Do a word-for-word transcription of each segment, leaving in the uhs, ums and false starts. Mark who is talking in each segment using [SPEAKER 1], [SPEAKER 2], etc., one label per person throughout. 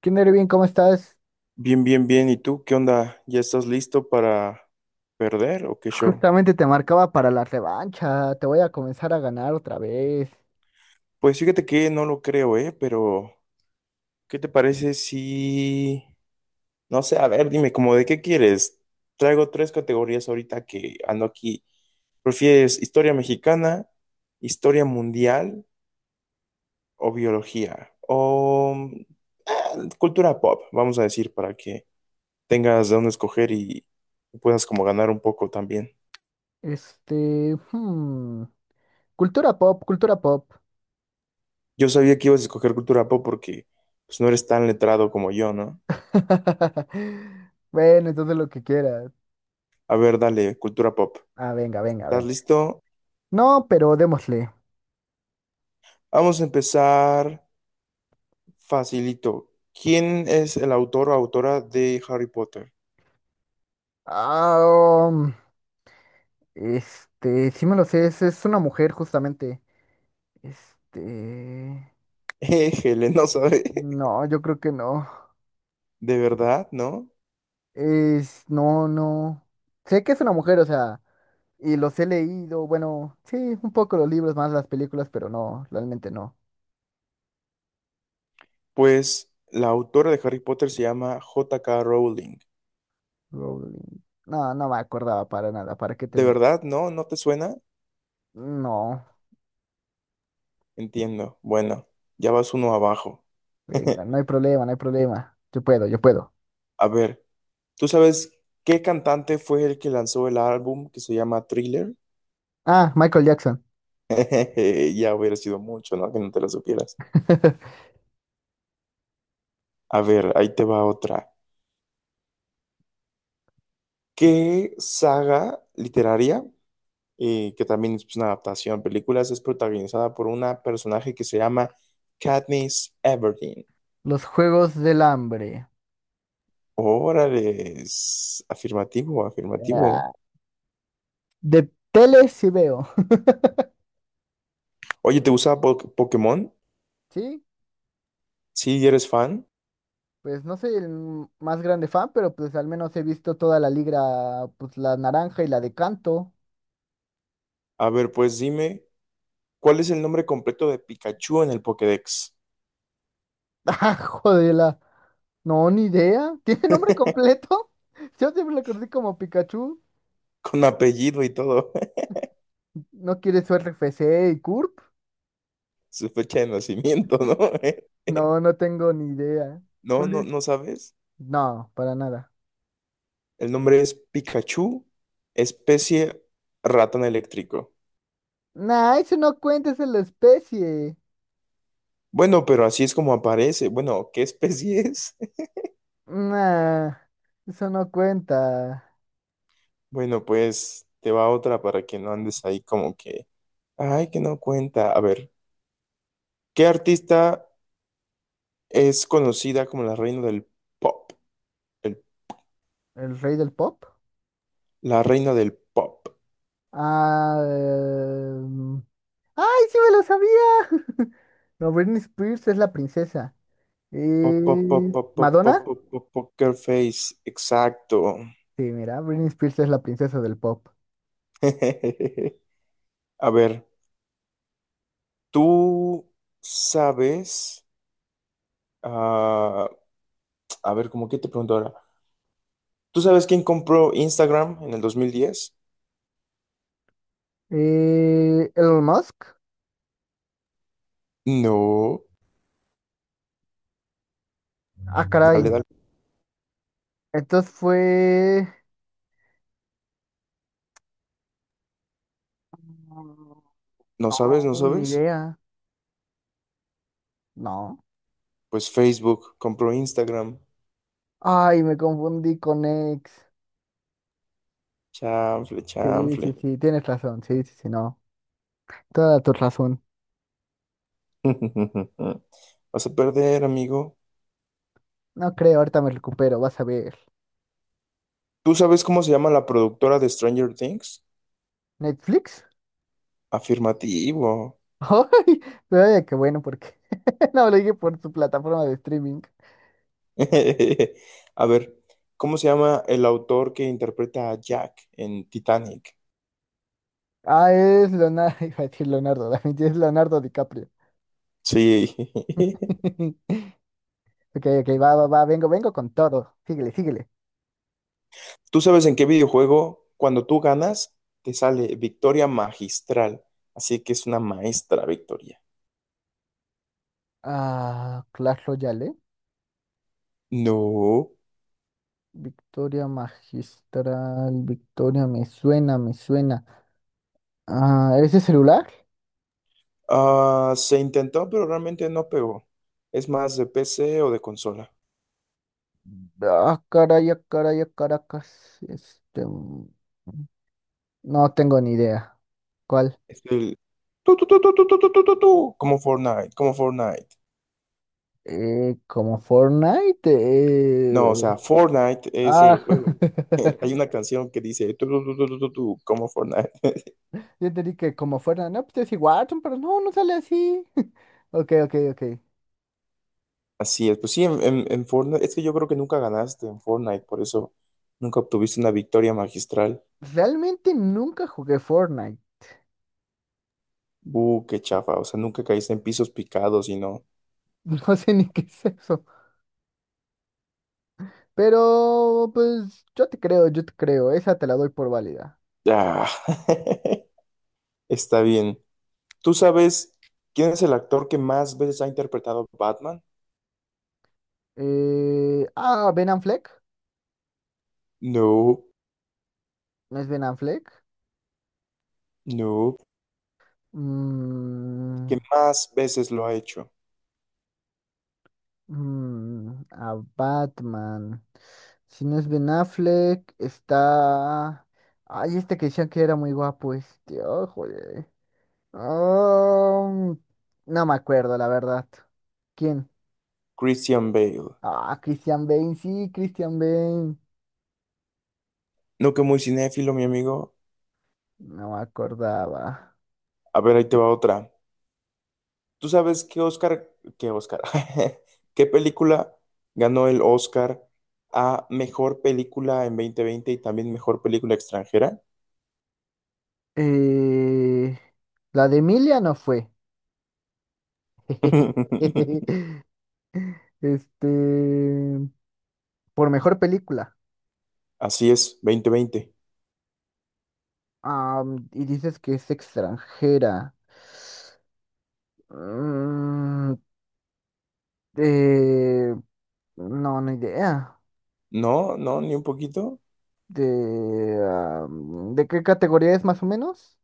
[SPEAKER 1] ¿Quién eres bien? ¿Cómo estás?
[SPEAKER 2] Bien, bien, bien. ¿Y tú qué onda? ¿Ya estás listo para perder o qué show?
[SPEAKER 1] Justamente te marcaba para la revancha. Te voy a comenzar a ganar otra vez.
[SPEAKER 2] Pues fíjate que no lo creo, ¿eh? Pero, ¿qué te parece si? No sé, a ver, dime, como de qué quieres? Traigo tres categorías ahorita que ando aquí. ¿Prefieres historia mexicana, historia mundial o biología? O mm, ah, cultura pop, vamos a decir, para que tengas de dónde escoger y puedas como ganar un poco también.
[SPEAKER 1] Este, hmm, Cultura pop, cultura pop.
[SPEAKER 2] Yo sabía que ibas a escoger cultura pop porque pues, no eres tan letrado como yo, ¿no?
[SPEAKER 1] Bueno, entonces lo que quieras.
[SPEAKER 2] A ver, dale, cultura pop.
[SPEAKER 1] Ah, venga, venga,
[SPEAKER 2] ¿Estás
[SPEAKER 1] venga.
[SPEAKER 2] listo?
[SPEAKER 1] No, pero démosle.
[SPEAKER 2] Vamos a empezar facilito. ¿Quién es el autor o autora de Harry Potter?
[SPEAKER 1] Ah, um, este, sí me lo sé, es, es una mujer justamente. Este,
[SPEAKER 2] Éjele, no sabe.
[SPEAKER 1] no, yo creo que no.
[SPEAKER 2] ¿De verdad, no?
[SPEAKER 1] Es, no, no. Sé que es una mujer, o sea. Y los he leído, bueno, sí, un poco los libros más las películas, pero no, realmente no.
[SPEAKER 2] Pues la autora de Harry Potter se llama J K. Rowling.
[SPEAKER 1] Rowling. No, no me acordaba para nada, ¿para qué te
[SPEAKER 2] ¿De
[SPEAKER 1] miento?
[SPEAKER 2] verdad, no? ¿No te suena?
[SPEAKER 1] No,
[SPEAKER 2] Entiendo. Bueno, ya vas uno abajo.
[SPEAKER 1] venga, no hay problema, no hay problema. Yo puedo, yo puedo.
[SPEAKER 2] A ver, ¿tú sabes qué cantante fue el que lanzó el álbum que se llama Thriller?
[SPEAKER 1] Ah, Michael Jackson.
[SPEAKER 2] Ya hubiera sido mucho, ¿no? Que no te lo supieras. A ver, ahí te va otra. ¿Qué saga literaria, eh, que también es pues, una adaptación a películas, es protagonizada por una personaje que se llama Katniss Everdeen?
[SPEAKER 1] Los Juegos del Hambre.
[SPEAKER 2] Órale, es afirmativo, afirmativo.
[SPEAKER 1] Ah, de tele sí veo.
[SPEAKER 2] Oye, ¿te gusta Po- Pokémon?
[SPEAKER 1] Sí,
[SPEAKER 2] Sí, eres fan.
[SPEAKER 1] pues no soy el más grande fan, pero pues al menos he visto toda la liga, pues la naranja y la de canto.
[SPEAKER 2] A ver, pues dime, ¿cuál es el nombre completo de Pikachu en el Pokédex?
[SPEAKER 1] Ah, joder. No, ni idea. ¿Tiene nombre completo? Yo siempre lo conocí como Pikachu.
[SPEAKER 2] Con apellido y todo,
[SPEAKER 1] ¿No quiere su R F C y CURP?
[SPEAKER 2] su fecha de nacimiento, ¿no?
[SPEAKER 1] No, no tengo ni idea.
[SPEAKER 2] No,
[SPEAKER 1] ¿Cuál
[SPEAKER 2] no,
[SPEAKER 1] es?
[SPEAKER 2] no sabes.
[SPEAKER 1] No, para nada.
[SPEAKER 2] El nombre es Pikachu, especie ratón eléctrico.
[SPEAKER 1] Nah, eso no cuenta, esa es la especie.
[SPEAKER 2] Bueno, pero así es como aparece. Bueno, ¿qué especie es?
[SPEAKER 1] Nah, eso no cuenta.
[SPEAKER 2] Bueno, pues te va otra para que no andes ahí como que, ay, que no cuenta. A ver, ¿qué artista es conocida como la reina del pop? El-
[SPEAKER 1] ¿El rey del pop?
[SPEAKER 2] la reina del pop.
[SPEAKER 1] Ah, em, ¡Ay, sí me lo sabía! No, Britney Spears es la princesa.
[SPEAKER 2] Pop, pop, pop,
[SPEAKER 1] Eh,
[SPEAKER 2] pop, pop, pop,
[SPEAKER 1] ¿Madonna?
[SPEAKER 2] pop, pop, poker face. Exacto.
[SPEAKER 1] Sí, mira, Britney Spears es la princesa del pop.
[SPEAKER 2] A ver, ¿tú sabes? Ah, a ver, ¿cómo que te pregunto ahora? ¿Tú sabes quién compró Instagram en el dos mil diez?
[SPEAKER 1] Eh, Elon Musk.
[SPEAKER 2] No.
[SPEAKER 1] Ah, caray.
[SPEAKER 2] Dale, dale.
[SPEAKER 1] Entonces fue.
[SPEAKER 2] ¿No sabes? ¿No
[SPEAKER 1] No, ni
[SPEAKER 2] sabes?
[SPEAKER 1] idea. No.
[SPEAKER 2] Pues Facebook compró Instagram.
[SPEAKER 1] Ay, me confundí con X.
[SPEAKER 2] Chanfle,
[SPEAKER 1] Sí, sí,
[SPEAKER 2] chanfle.
[SPEAKER 1] sí, tienes razón. Sí, sí, sí, no. Toda tu razón.
[SPEAKER 2] Vas a perder, amigo.
[SPEAKER 1] No creo, ahorita me recupero, vas a ver.
[SPEAKER 2] ¿Tú sabes cómo se llama la productora de Stranger Things?
[SPEAKER 1] ¿Netflix?
[SPEAKER 2] Afirmativo.
[SPEAKER 1] Ay, pero vaya que bueno, porque no lo dije por su plataforma de streaming.
[SPEAKER 2] A ver, ¿cómo se llama el autor que interpreta a Jack en Titanic?
[SPEAKER 1] Ah, es Leonardo, iba a decir Leonardo, da Vinci, es Leonardo DiCaprio.
[SPEAKER 2] Sí.
[SPEAKER 1] Ok, ok, va, va, va, vengo, vengo con todo. Síguele, síguele.
[SPEAKER 2] ¿Tú sabes en qué videojuego, cuando tú ganas, te sale victoria magistral? Así que es una maestra victoria.
[SPEAKER 1] Ah, Clash Royale,
[SPEAKER 2] No.
[SPEAKER 1] Victoria Magistral, Victoria, me suena, me suena. Ah, ¿ese celular?
[SPEAKER 2] Ah, se intentó, pero realmente no pegó. Es más de P C o de consola.
[SPEAKER 1] Ah, caray, ah, caray, ah, Caracas. Este, mm, no tengo ni idea. ¿Cuál?
[SPEAKER 2] Es el, tu, tu, tu, tu, tu, tu, tu, tu, tu, tu, como Fortnite, como Fortnite.
[SPEAKER 1] Eh, como Fortnite.
[SPEAKER 2] No,
[SPEAKER 1] eh,
[SPEAKER 2] o sea, Fortnite es el
[SPEAKER 1] Ah,
[SPEAKER 2] juego. Hay una canción que dice tu, tu, tu, tu, tu, tu, tu, como Fortnite.
[SPEAKER 1] yo entendí que como Fortnite, no, pues es igual, pero no, no sale así. Ok, ok, ok.
[SPEAKER 2] Así es, pues sí, en, en- en Fortnite, es que yo creo que nunca ganaste en Fortnite, por eso nunca obtuviste una victoria magistral.
[SPEAKER 1] Realmente nunca jugué Fortnite.
[SPEAKER 2] Uh, qué chafa. O sea, nunca caíste en pisos picados y no.
[SPEAKER 1] No sé ni qué es eso. Pero, pues, yo te creo, yo te creo. Esa te la doy por válida.
[SPEAKER 2] Ah, está bien. ¿Tú sabes quién es el actor que más veces ha interpretado a Batman?
[SPEAKER 1] Eh, ah, Ben Affleck.
[SPEAKER 2] No,
[SPEAKER 1] ¿No es Ben Affleck?
[SPEAKER 2] no.
[SPEAKER 1] Mm,
[SPEAKER 2] ¿Que más veces lo ha hecho?
[SPEAKER 1] mm, a Batman. Si no es Ben Affleck, está... Ay, este que decían que era muy guapo, este. Oh, joder. Ah, no me acuerdo, la verdad. ¿Quién?
[SPEAKER 2] Christian Bale.
[SPEAKER 1] Ah, Christian Bale, sí, Christian Bale.
[SPEAKER 2] No que muy cinéfilo, mi amigo.
[SPEAKER 1] No me acordaba.
[SPEAKER 2] A ver, ahí te va otra. ¿Tú sabes qué Oscar, qué Oscar, qué película ganó el Oscar a mejor película en veinte veinte y también mejor película extranjera?
[SPEAKER 1] Eh, la de Emilia no fue. Este, por mejor película.
[SPEAKER 2] Así es, veinte veinte.
[SPEAKER 1] Am, y dices que es extranjera. Mm, eh, no, ni idea.
[SPEAKER 2] No, no, ni un poquito.
[SPEAKER 1] De, am, ¿De qué categoría es más o menos?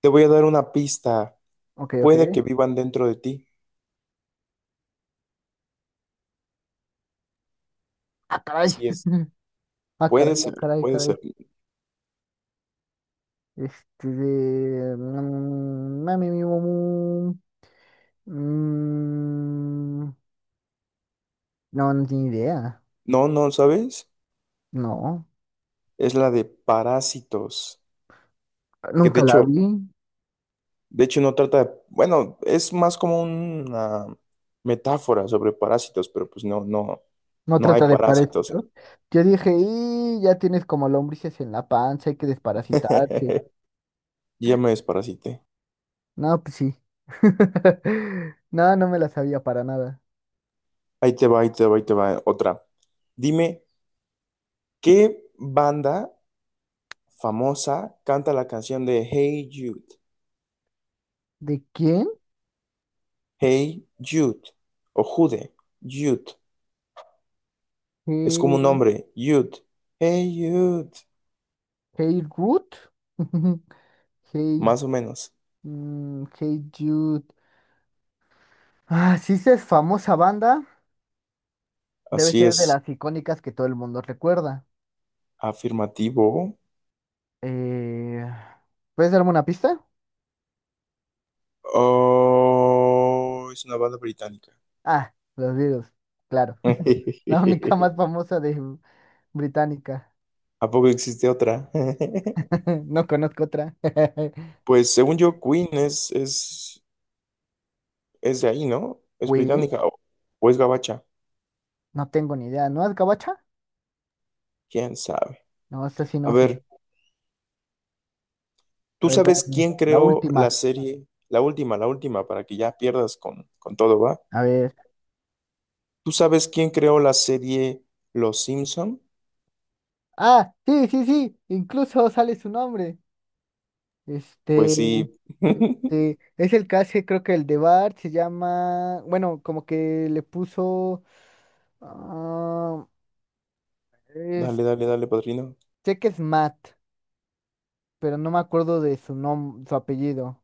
[SPEAKER 2] Te voy a dar una pista.
[SPEAKER 1] Ok, ok.
[SPEAKER 2] Puede que vivan dentro de ti.
[SPEAKER 1] Ah, caray.
[SPEAKER 2] Sí es.
[SPEAKER 1] Ah,
[SPEAKER 2] Puede
[SPEAKER 1] caray, ah,
[SPEAKER 2] ser,
[SPEAKER 1] caray,
[SPEAKER 2] puede
[SPEAKER 1] caray.
[SPEAKER 2] ser.
[SPEAKER 1] Este de... mm, mami, mi, mu, mu, mm, No, no tiene idea.
[SPEAKER 2] No, no, ¿sabes?
[SPEAKER 1] No,
[SPEAKER 2] Es la de parásitos. Que de
[SPEAKER 1] nunca la
[SPEAKER 2] hecho,
[SPEAKER 1] vi.
[SPEAKER 2] de hecho no trata de. Bueno, es más como una metáfora sobre parásitos, pero pues no, no,
[SPEAKER 1] No
[SPEAKER 2] no hay
[SPEAKER 1] trata de
[SPEAKER 2] parásitos.
[SPEAKER 1] parásitos. Yo dije, y ya tienes como lombrices en la panza, hay que desparasitarse.
[SPEAKER 2] Ya me desparasité.
[SPEAKER 1] No, pues sí. No, no me la sabía para nada.
[SPEAKER 2] Ahí te va, ahí te va, ahí te va otra. Dime, ¿qué banda famosa canta la canción de Hey Jude?
[SPEAKER 1] ¿De quién?
[SPEAKER 2] Hey Jude. O Jude. Jude. Es como un
[SPEAKER 1] Hey,
[SPEAKER 2] nombre. Jude. Hey Jude.
[SPEAKER 1] hey Ruth. Hey,
[SPEAKER 2] Más o menos.
[SPEAKER 1] mm, hey Jude. Ah, sí, esa es famosa banda. Debe
[SPEAKER 2] Así
[SPEAKER 1] ser de
[SPEAKER 2] es.
[SPEAKER 1] las icónicas que todo el mundo recuerda.
[SPEAKER 2] Afirmativo.
[SPEAKER 1] Eh, ¿Puedes darme una pista?
[SPEAKER 2] Oh, es una banda británica.
[SPEAKER 1] Ah, los Beatles, claro. La única más famosa de Británica.
[SPEAKER 2] ¿A poco existe otra?
[SPEAKER 1] No conozco otra.
[SPEAKER 2] Pues según yo, Queen es, es, es de ahí, ¿no? Es
[SPEAKER 1] Queen,
[SPEAKER 2] británica o, o es gabacha.
[SPEAKER 1] no tengo ni idea. ¿No es gabacha?
[SPEAKER 2] ¿Quién sabe?
[SPEAKER 1] No, esa sí
[SPEAKER 2] A
[SPEAKER 1] no sé.
[SPEAKER 2] ver.
[SPEAKER 1] A
[SPEAKER 2] ¿Tú
[SPEAKER 1] ver,
[SPEAKER 2] sabes
[SPEAKER 1] dame.
[SPEAKER 2] quién
[SPEAKER 1] La
[SPEAKER 2] creó
[SPEAKER 1] última.
[SPEAKER 2] la serie, la última, la última, para que ya pierdas con, con todo, va?
[SPEAKER 1] A ver.
[SPEAKER 2] ¿Tú sabes quién creó la serie Los Simpson?
[SPEAKER 1] Ah, sí, sí, sí. Incluso sale su nombre.
[SPEAKER 2] Pues
[SPEAKER 1] Este,
[SPEAKER 2] sí.
[SPEAKER 1] este, es el que hace, creo que el de Bart se llama. Bueno, como que le puso. ah, es-
[SPEAKER 2] Dale, dale, dale, padrino.
[SPEAKER 1] Sé que es Matt, pero no me acuerdo de su nombre, su apellido.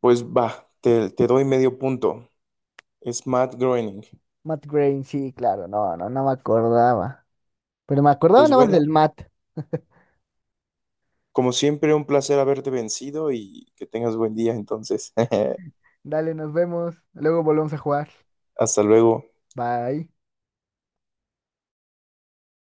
[SPEAKER 2] Pues va, te, te doy medio punto. Es Matt Groening.
[SPEAKER 1] Matt Groening, sí, claro, no, no, no me acordaba. Pero me acordaba
[SPEAKER 2] Pues
[SPEAKER 1] nada más
[SPEAKER 2] bueno,
[SPEAKER 1] del Matt.
[SPEAKER 2] como siempre, un placer haberte vencido y que tengas buen día entonces.
[SPEAKER 1] Dale, nos vemos. Luego volvemos a jugar.
[SPEAKER 2] Hasta luego.
[SPEAKER 1] Bye.